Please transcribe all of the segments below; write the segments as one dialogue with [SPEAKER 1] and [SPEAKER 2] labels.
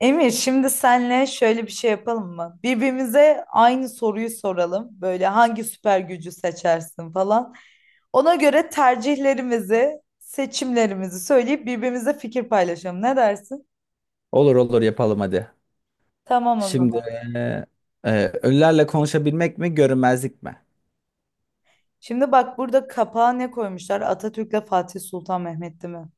[SPEAKER 1] Emir, şimdi senle şöyle bir şey yapalım mı? Birbirimize aynı soruyu soralım. Böyle hangi süper gücü seçersin falan. Ona göre tercihlerimizi, seçimlerimizi söyleyip birbirimize fikir paylaşalım. Ne dersin?
[SPEAKER 2] Olur olur yapalım hadi.
[SPEAKER 1] Tamam, o
[SPEAKER 2] Şimdi
[SPEAKER 1] zaman.
[SPEAKER 2] eee, ölülerle konuşabilmek mi görünmezlik mi?
[SPEAKER 1] Şimdi bak, burada kapağa ne koymuşlar? Atatürk'le Fatih Sultan Mehmet'ti mi?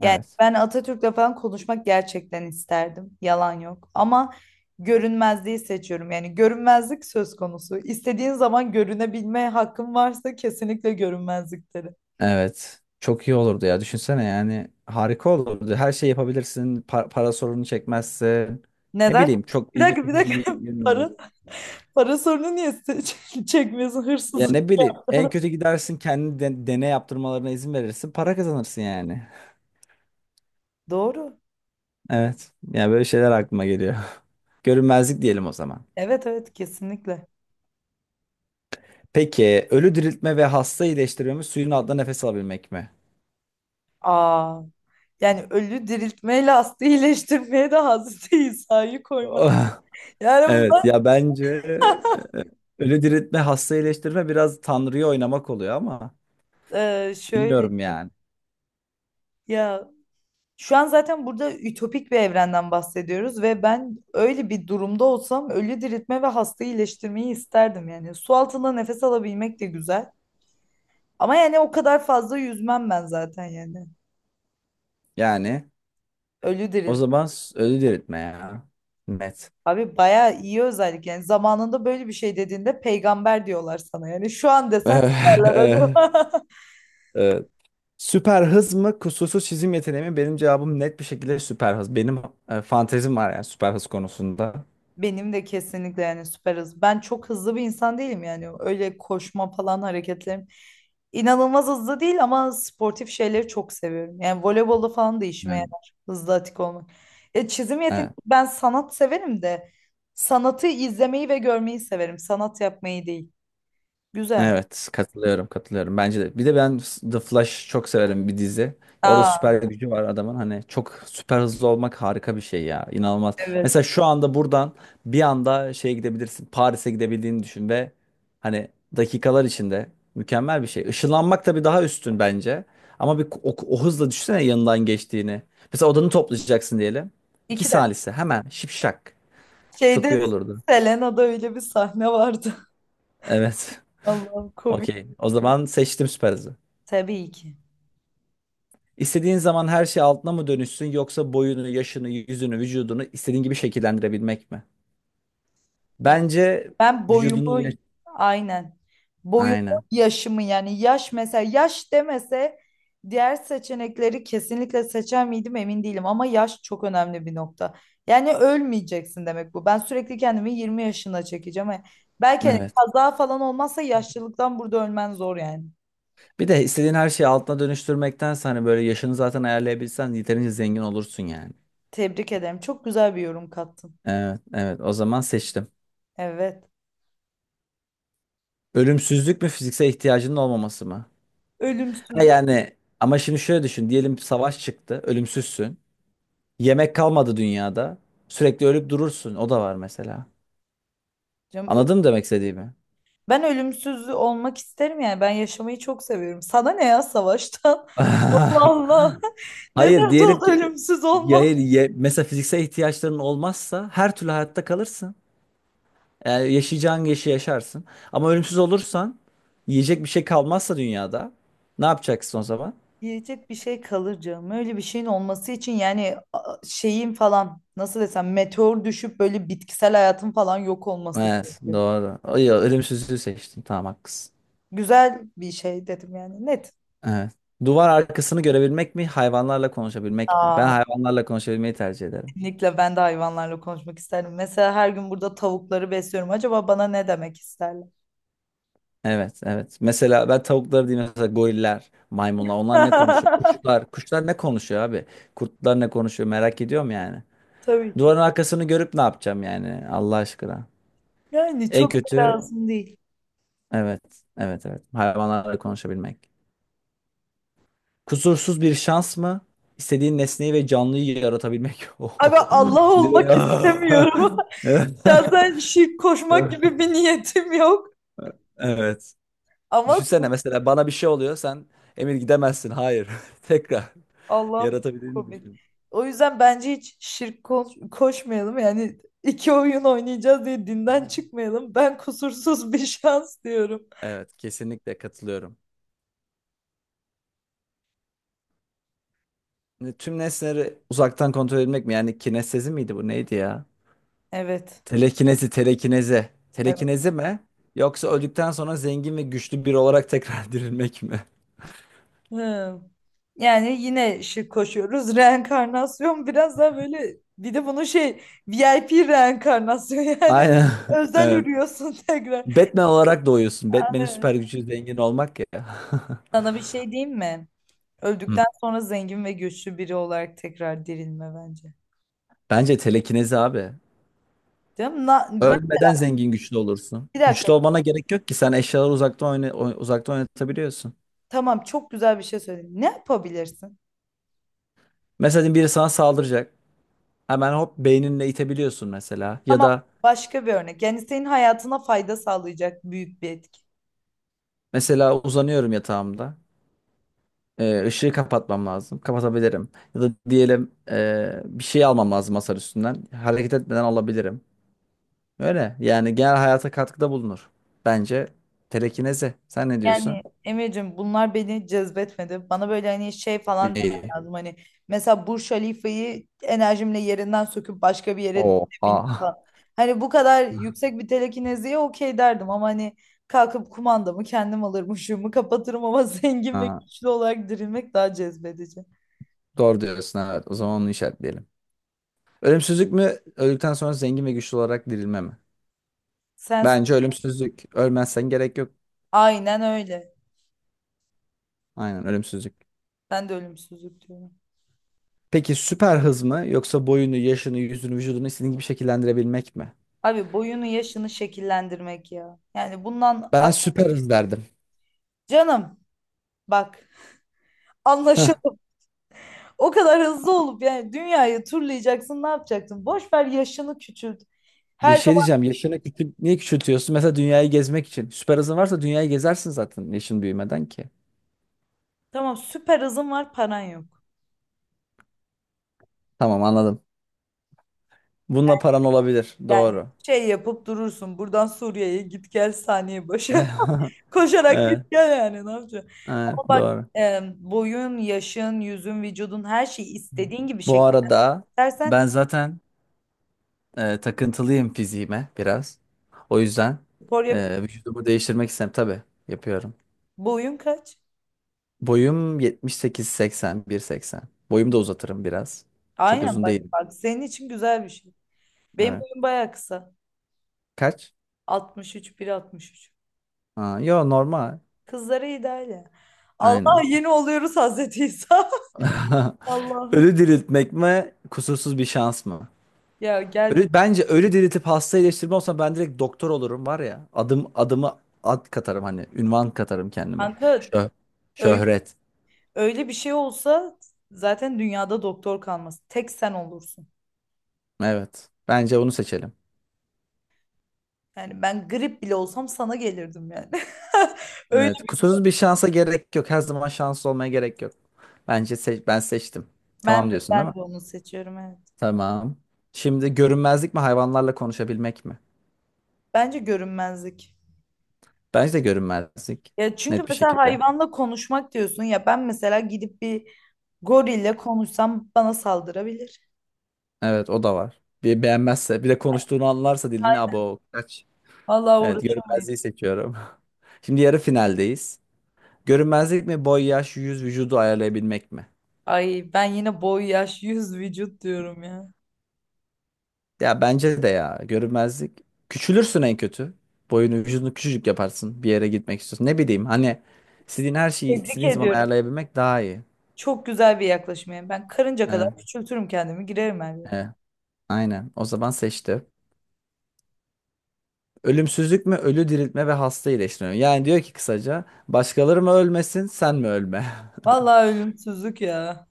[SPEAKER 1] Yani
[SPEAKER 2] Evet.
[SPEAKER 1] ben Atatürk'le falan konuşmak gerçekten isterdim. Yalan yok. Ama görünmezliği seçiyorum. Yani görünmezlik söz konusu. İstediğin zaman görünebilme hakkın varsa kesinlikle görünmezlikleri.
[SPEAKER 2] Evet. Çok iyi olurdu ya. Düşünsene yani harika olurdu. Her şey yapabilirsin. Para sorunu çekmezsin. Ne
[SPEAKER 1] Neden?
[SPEAKER 2] bileyim çok
[SPEAKER 1] Bir
[SPEAKER 2] ilgi
[SPEAKER 1] dakika, bir
[SPEAKER 2] çekici bir
[SPEAKER 1] dakika.
[SPEAKER 2] yön olur.
[SPEAKER 1] Para, Para sorunu niye çekmiyorsun
[SPEAKER 2] Ya
[SPEAKER 1] hırsız?
[SPEAKER 2] ne bileyim en kötü gidersin kendini deney yaptırmalarına izin verirsin. Para kazanırsın yani.
[SPEAKER 1] Doğru.
[SPEAKER 2] Evet. Yani böyle şeyler aklıma geliyor. Görünmezlik diyelim o zaman.
[SPEAKER 1] Evet, evet, kesinlikle.
[SPEAKER 2] Peki ölü diriltme ve hasta iyileştirme mi suyun altında nefes alabilmek mi?
[SPEAKER 1] Aa, yani ölü diriltmeyle hasta iyileştirmeye de Hazreti İsa'yı koymadı. Yani
[SPEAKER 2] Evet
[SPEAKER 1] bunlar
[SPEAKER 2] ya bence e, ölü diriltme, hasta iyileştirme biraz Tanrı'yı oynamak oluyor ama
[SPEAKER 1] şöyle
[SPEAKER 2] bilmiyorum yani.
[SPEAKER 1] ya. Şu an zaten burada ütopik bir evrenden bahsediyoruz ve ben öyle bir durumda olsam ölü diriltme ve hastayı iyileştirmeyi isterdim yani. Su altında nefes alabilmek de güzel. Ama yani o kadar fazla yüzmem ben zaten yani.
[SPEAKER 2] Yani
[SPEAKER 1] Ölü
[SPEAKER 2] o
[SPEAKER 1] dirilt.
[SPEAKER 2] zaman ölü diriltme ya. Net.
[SPEAKER 1] Abi bayağı iyi özellik yani. Zamanında böyle bir şey dediğinde peygamber diyorlar sana yani. Şu an desen ne derler acaba?
[SPEAKER 2] Evet. Süper hız mı kusursuz çizim yeteneği mi? Benim cevabım net bir şekilde süper hız. Benim fantezim var yani süper hız konusunda.
[SPEAKER 1] Benim de kesinlikle yani süper hız. Ben çok hızlı bir insan değilim yani. Öyle koşma falan hareketlerim inanılmaz hızlı değil ama sportif şeyleri çok seviyorum. Yani voleybolu falan da işime
[SPEAKER 2] Yani,
[SPEAKER 1] yarar. Hızlı atik olmak. Çizim yeteneği,
[SPEAKER 2] evet.
[SPEAKER 1] ben sanat severim de sanatı izlemeyi ve görmeyi severim. Sanat yapmayı değil. Güzel.
[SPEAKER 2] Evet, katılıyorum, katılıyorum. Bence de. Bir de ben The Flash çok severim bir dizi. Orada
[SPEAKER 1] Aa,
[SPEAKER 2] süper gücü var adamın. Hani çok süper hızlı olmak harika bir şey ya. İnanılmaz.
[SPEAKER 1] evet.
[SPEAKER 2] Mesela şu anda buradan bir anda şeye gidebilirsin. Paris'e gidebildiğini düşün ve hani dakikalar içinde mükemmel bir şey. Işınlanmak tabii daha üstün bence. Ama bir o hızla düşünsene yanından geçtiğini. Mesela odanı toplayacaksın diyelim. İki
[SPEAKER 1] İki de.
[SPEAKER 2] salise hemen şipşak. Çok
[SPEAKER 1] Şeyde
[SPEAKER 2] iyi olurdu.
[SPEAKER 1] Selena'da öyle bir sahne vardı.
[SPEAKER 2] Evet.
[SPEAKER 1] Allah'ım komik.
[SPEAKER 2] Okey. O zaman seçtim süper hızı.
[SPEAKER 1] Tabii ki.
[SPEAKER 2] İstediğin zaman her şey altına mı dönüşsün yoksa boyunu, yaşını, yüzünü, vücudunu istediğin gibi şekillendirebilmek mi? Bence
[SPEAKER 1] Ben
[SPEAKER 2] vücudunu...
[SPEAKER 1] boyumu aynen. Boyumu,
[SPEAKER 2] Aynen.
[SPEAKER 1] yaşımı, yani yaş, mesela yaş demese diğer seçenekleri kesinlikle seçer miydim emin değilim ama yaş çok önemli bir nokta. Yani ölmeyeceksin demek bu. Ben sürekli kendimi 20 yaşına çekeceğim. Belki hani
[SPEAKER 2] Evet.
[SPEAKER 1] kaza falan olmazsa yaşlılıktan burada ölmen zor yani.
[SPEAKER 2] Bir de istediğin her şeyi altına dönüştürmektense hani böyle yaşını zaten ayarlayabilsen yeterince zengin olursun yani.
[SPEAKER 1] Tebrik ederim. Çok güzel bir yorum kattın.
[SPEAKER 2] Evet, evet. O zaman seçtim.
[SPEAKER 1] Evet.
[SPEAKER 2] Ölümsüzlük mü fiziksel ihtiyacının olmaması mı? Ha
[SPEAKER 1] Ölümsüzlük.
[SPEAKER 2] yani ama şimdi şöyle düşün. Diyelim savaş çıktı. Ölümsüzsün. Yemek kalmadı dünyada. Sürekli ölüp durursun. O da var mesela.
[SPEAKER 1] Canım,
[SPEAKER 2] Anladın mı demek istediğimi?
[SPEAKER 1] ben ölümsüz olmak isterim yani. Ben yaşamayı çok seviyorum. Sana ne ya savaştan? Allah Allah. Ne
[SPEAKER 2] Hayır
[SPEAKER 1] dert
[SPEAKER 2] diyelim
[SPEAKER 1] oldu
[SPEAKER 2] ki
[SPEAKER 1] ölümsüz
[SPEAKER 2] ya
[SPEAKER 1] olmam?
[SPEAKER 2] hayır, mesela fiziksel ihtiyaçların olmazsa her türlü hayatta kalırsın. Yani yaşayacağın yaşı yaşarsın. Ama ölümsüz olursan yiyecek bir şey kalmazsa dünyada ne yapacaksın o zaman?
[SPEAKER 1] Yiyecek bir şey kalır canım. Öyle bir şeyin olması için yani şeyin falan, nasıl desem, meteor düşüp böyle bitkisel hayatın falan yok olması
[SPEAKER 2] Evet
[SPEAKER 1] gerekiyor.
[SPEAKER 2] doğru. Ay, ölümsüzlüğü seçtim tamam haklısın.
[SPEAKER 1] Güzel bir şey dedim yani, net.
[SPEAKER 2] Evet. Duvar arkasını görebilmek mi hayvanlarla konuşabilmek mi? Ben
[SPEAKER 1] Aa,
[SPEAKER 2] hayvanlarla konuşabilmeyi tercih ederim.
[SPEAKER 1] kesinlikle ben de hayvanlarla konuşmak isterdim. Mesela her gün burada tavukları besliyorum. Acaba bana ne demek isterler?
[SPEAKER 2] Evet evet. Mesela ben tavukları değil mesela goriller, maymunlar onlar ne konuşuyor? Kuşlar ne konuşuyor abi? Kurtlar ne konuşuyor merak ediyorum yani.
[SPEAKER 1] Tabii ki.
[SPEAKER 2] Duvarın arkasını görüp ne yapacağım yani Allah aşkına.
[SPEAKER 1] Yani
[SPEAKER 2] En
[SPEAKER 1] çok da
[SPEAKER 2] kötü
[SPEAKER 1] lazım değil.
[SPEAKER 2] evet evet evet hayvanlarla konuşabilmek. Kusursuz bir şans mı? İstediğin nesneyi ve canlıyı yaratabilmek.
[SPEAKER 1] Abi
[SPEAKER 2] Oho.
[SPEAKER 1] Allah
[SPEAKER 2] Direkt
[SPEAKER 1] olmak
[SPEAKER 2] ah!
[SPEAKER 1] istemiyorum. Şahsen şirk koşmak gibi bir niyetim yok.
[SPEAKER 2] Evet.
[SPEAKER 1] Ama.
[SPEAKER 2] Düşünsene mesela bana bir şey oluyor sen Emir gidemezsin. Hayır. Tekrar
[SPEAKER 1] Allah'ım çok
[SPEAKER 2] yaratabildiğini
[SPEAKER 1] komik.
[SPEAKER 2] düşün.
[SPEAKER 1] O yüzden bence hiç şirk koşmayalım. Yani iki oyun oynayacağız diye dinden çıkmayalım. Ben kusursuz bir şans diyorum.
[SPEAKER 2] Evet kesinlikle katılıyorum. Şimdi tüm nesneleri uzaktan kontrol etmek mi? Yani kinestezi miydi bu neydi ya?
[SPEAKER 1] Evet.
[SPEAKER 2] Telekinezi.
[SPEAKER 1] Evet.
[SPEAKER 2] Telekinezi mi? Yoksa öldükten sonra zengin ve güçlü biri olarak tekrar dirilmek mi?
[SPEAKER 1] Hı. Yani yine şirk koşuyoruz. Reenkarnasyon biraz daha böyle, bir de bunun şey, VIP reenkarnasyon yani
[SPEAKER 2] Aynen.
[SPEAKER 1] özel
[SPEAKER 2] Evet.
[SPEAKER 1] ürüyorsun tekrar.
[SPEAKER 2] Batman olarak doğuyorsun. Batman'in süper gücü zengin olmak ya.
[SPEAKER 1] Sana bir şey diyeyim mi?
[SPEAKER 2] Hı.
[SPEAKER 1] Öldükten sonra zengin ve güçlü biri olarak tekrar dirilme bence.
[SPEAKER 2] Bence telekinezi abi.
[SPEAKER 1] Değil mi?
[SPEAKER 2] Ölmeden zengin güçlü olursun.
[SPEAKER 1] Bir
[SPEAKER 2] Güçlü
[SPEAKER 1] dakika.
[SPEAKER 2] olmana gerek yok ki. Sen eşyaları uzaktan uzaktan oynatabiliyorsun.
[SPEAKER 1] Tamam, çok güzel bir şey söyledin. Ne yapabilirsin?
[SPEAKER 2] Mesela diyelim biri sana saldıracak. Hemen hop beyninle itebiliyorsun mesela. Ya
[SPEAKER 1] Tamam,
[SPEAKER 2] da
[SPEAKER 1] başka bir örnek. Yani senin hayatına fayda sağlayacak büyük bir etki.
[SPEAKER 2] mesela uzanıyorum yatağımda. Işığı kapatmam lazım. Kapatabilirim. Ya da diyelim bir şey almam lazım masar üstünden. Hareket etmeden alabilirim. Öyle. Yani genel hayata katkıda bulunur. Bence telekinezi. Sen ne
[SPEAKER 1] Yani
[SPEAKER 2] diyorsun?
[SPEAKER 1] Emre'cim bunlar beni cezbetmedi. Bana böyle hani şey falan demen
[SPEAKER 2] İyi.
[SPEAKER 1] lazım. Hani mesela Burj Halifa'yı enerjimle yerinden söküp başka bir yere binmek
[SPEAKER 2] Oha.
[SPEAKER 1] falan. Hani bu kadar yüksek bir telekineziye okey derdim ama hani kalkıp kumandamı kendim alırım, ışığımı kapatırım ama zengin ve
[SPEAKER 2] Ha,
[SPEAKER 1] güçlü olarak dirilmek daha cezbedici.
[SPEAKER 2] doğru diyorsun evet. O zaman onu işaretleyelim. Ölümsüzlük mü? Öldükten sonra zengin ve güçlü olarak dirilme mi?
[SPEAKER 1] Sen
[SPEAKER 2] Bence ölümsüzlük. Ölmezsen gerek yok.
[SPEAKER 1] aynen öyle.
[SPEAKER 2] Aynen ölümsüzlük.
[SPEAKER 1] Ben de ölümsüzlük diyorum.
[SPEAKER 2] Peki süper hız mı yoksa boyunu, yaşını, yüzünü, vücudunu istediğin gibi şekillendirebilmek mi?
[SPEAKER 1] Abi boyunu, yaşını şekillendirmek ya. Yani bundan ah,
[SPEAKER 2] Ben süper hız derdim.
[SPEAKER 1] canım, bak, anlaşıldı. O kadar hızlı olup yani dünyayı turlayacaksın, ne yapacaksın? Boş ver, yaşını küçült.
[SPEAKER 2] Bir
[SPEAKER 1] Her
[SPEAKER 2] şey
[SPEAKER 1] zaman.
[SPEAKER 2] diyeceğim. Yaşını küçül niye küçültüyorsun? Mesela dünyayı gezmek için. Süper hızın varsa dünyayı gezersin zaten yaşın büyümeden ki.
[SPEAKER 1] Tamam, süper hızın var, paran yok.
[SPEAKER 2] Tamam anladım. Bununla paran olabilir.
[SPEAKER 1] Yani
[SPEAKER 2] Doğru.
[SPEAKER 1] şey yapıp durursun, buradan Suriye'ye git gel saniye başı. Koşarak git
[SPEAKER 2] Evet,
[SPEAKER 1] gel, yani ne yapacaksın?
[SPEAKER 2] evet,
[SPEAKER 1] Ama bak,
[SPEAKER 2] doğru.
[SPEAKER 1] boyun, yaşın, yüzün, vücudun, her şeyi istediğin gibi
[SPEAKER 2] Bu
[SPEAKER 1] şekil
[SPEAKER 2] arada
[SPEAKER 1] istersen
[SPEAKER 2] ben zaten takıntılıyım fiziğime biraz. O yüzden
[SPEAKER 1] spor yap.
[SPEAKER 2] vücudumu değiştirmek istem tabii yapıyorum.
[SPEAKER 1] Boyun kaç?
[SPEAKER 2] Boyum 78-80, 1.80. Boyumu da uzatırım biraz. Çok
[SPEAKER 1] Aynen,
[SPEAKER 2] uzun
[SPEAKER 1] bak
[SPEAKER 2] değilim.
[SPEAKER 1] bak, senin için güzel bir şey. Benim
[SPEAKER 2] Evet.
[SPEAKER 1] boyum bayağı kısa.
[SPEAKER 2] Kaç?
[SPEAKER 1] 63, 1,63.
[SPEAKER 2] Aa, yo normal.
[SPEAKER 1] Kızları ideal. Allah
[SPEAKER 2] Aynen.
[SPEAKER 1] yeni oluyoruz, Hazreti İsa. Allah'ım.
[SPEAKER 2] Ölü diriltmek mi, kusursuz bir şans mı?
[SPEAKER 1] Ya gel biz
[SPEAKER 2] Ölü, bence ölü diriltip hasta iyileştirme olsa ben direkt doktor olurum var ya. Adım adımı ad katarım hani ünvan katarım kendime.
[SPEAKER 1] kanka,
[SPEAKER 2] Şö
[SPEAKER 1] öyle,
[SPEAKER 2] şöhret.
[SPEAKER 1] öyle bir şey olsa zaten dünyada doktor kalmaz. Tek sen olursun.
[SPEAKER 2] Evet. Bence onu seçelim.
[SPEAKER 1] Yani ben grip bile olsam sana gelirdim yani. Öyle,
[SPEAKER 2] Evet. Kusursuz bir şansa gerek yok. Her zaman şanslı olmaya gerek yok. Bence seç ben seçtim.
[SPEAKER 1] ben
[SPEAKER 2] Tamam
[SPEAKER 1] de
[SPEAKER 2] diyorsun değil
[SPEAKER 1] ben
[SPEAKER 2] mi?
[SPEAKER 1] de onu seçiyorum, evet.
[SPEAKER 2] Tamam. Şimdi görünmezlik mi hayvanlarla konuşabilmek mi?
[SPEAKER 1] Bence görünmezlik.
[SPEAKER 2] Bence de görünmezlik.
[SPEAKER 1] Ya çünkü
[SPEAKER 2] Net bir
[SPEAKER 1] mesela
[SPEAKER 2] şekilde.
[SPEAKER 1] hayvanla konuşmak diyorsun ya, ben mesela gidip bir gorille konuşsam bana saldırabilir.
[SPEAKER 2] Evet o da var. Bir beğenmezse bir de konuştuğunu anlarsa dilini
[SPEAKER 1] Hayır.
[SPEAKER 2] abo. Kaç.
[SPEAKER 1] Vallahi
[SPEAKER 2] Evet
[SPEAKER 1] uğraşamayız.
[SPEAKER 2] görünmezliği seçiyorum. Şimdi yarı finaldeyiz. Görünmezlik mi boy yaş yüz vücudu ayarlayabilmek mi?
[SPEAKER 1] Ay, ben yine boy, yaş, yüz, vücut diyorum ya.
[SPEAKER 2] Ya bence de ya görünmezlik. Küçülürsün en kötü. Boyunu vücudunu küçücük yaparsın bir yere gitmek istiyorsun. Ne bileyim hani istediğin her şeyi
[SPEAKER 1] Tebrik
[SPEAKER 2] istediğin zaman
[SPEAKER 1] ediyorum.
[SPEAKER 2] ayarlayabilmek daha iyi.
[SPEAKER 1] Çok güzel bir yaklaşım yani. Ben karınca kadar
[SPEAKER 2] Evet,
[SPEAKER 1] küçültürüm kendimi, girerim her yere.
[SPEAKER 2] evet, aynen o zaman seçti. Ölümsüzlük mü ölü diriltme ve hasta iyileştirme mi? Yani diyor ki kısaca başkaları mı ölmesin sen mi ölme?
[SPEAKER 1] Vallahi ölümsüzlük ya.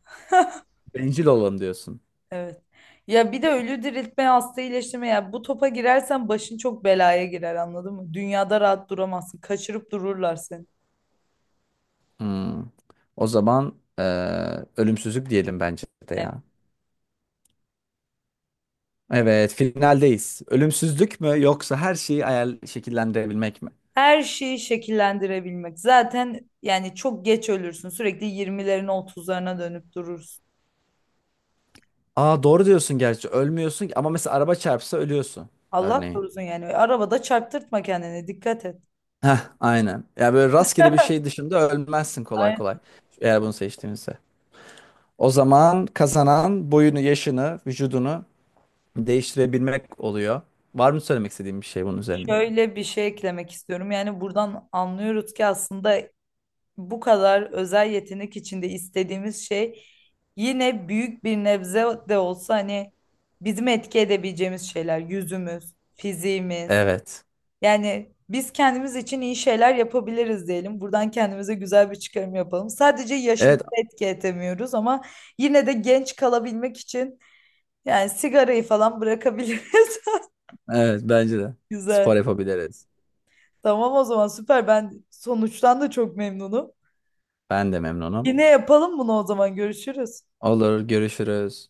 [SPEAKER 2] Bencil olalım diyorsun.
[SPEAKER 1] Evet. Ya bir de ölü diriltme, hasta iyileştirme ya. Bu topa girersen başın çok belaya girer, anladın mı? Dünyada rahat duramazsın. Kaçırıp dururlar seni.
[SPEAKER 2] Hmm. O zaman ölümsüzlük diyelim bence de
[SPEAKER 1] Evet.
[SPEAKER 2] ya. Evet, finaldeyiz. Ölümsüzlük mü yoksa her şeyi ayar şekillendirebilmek mi?
[SPEAKER 1] Her şeyi şekillendirebilmek. Zaten yani çok geç ölürsün. Sürekli 20'lerine, otuzlarına dönüp durursun.
[SPEAKER 2] Aa doğru diyorsun gerçi. Ölmüyorsun ki- ama mesela araba çarpsa ölüyorsun
[SPEAKER 1] Allah
[SPEAKER 2] örneğin.
[SPEAKER 1] korusun yani. Arabada çarptırtma kendini. Dikkat et.
[SPEAKER 2] Heh, aynen. Ya böyle rastgele bir şey dışında ölmezsin kolay kolay. Eğer bunu seçtiğimizde. O zaman kazanan boyunu, yaşını, vücudunu değiştirebilmek oluyor. Var mı söylemek istediğin bir şey bunun üzerine?
[SPEAKER 1] Şöyle bir şey eklemek istiyorum. Yani buradan anlıyoruz ki aslında bu kadar özel yetenek içinde istediğimiz şey yine büyük bir nebze de olsa hani bizim etki edebileceğimiz şeyler, yüzümüz, fiziğimiz.
[SPEAKER 2] Evet.
[SPEAKER 1] Yani biz kendimiz için iyi şeyler yapabiliriz diyelim. Buradan kendimize güzel bir çıkarım yapalım. Sadece yaşımızı
[SPEAKER 2] Evet.
[SPEAKER 1] etki edemiyoruz ama yine de genç kalabilmek için yani sigarayı falan bırakabiliriz.
[SPEAKER 2] Evet bence de.
[SPEAKER 1] Güzel.
[SPEAKER 2] Spor yapabiliriz.
[SPEAKER 1] Tamam, o zaman süper. Ben sonuçtan da çok memnunum.
[SPEAKER 2] Ben de memnunum.
[SPEAKER 1] Yine yapalım bunu o zaman. Görüşürüz.
[SPEAKER 2] Olur, görüşürüz.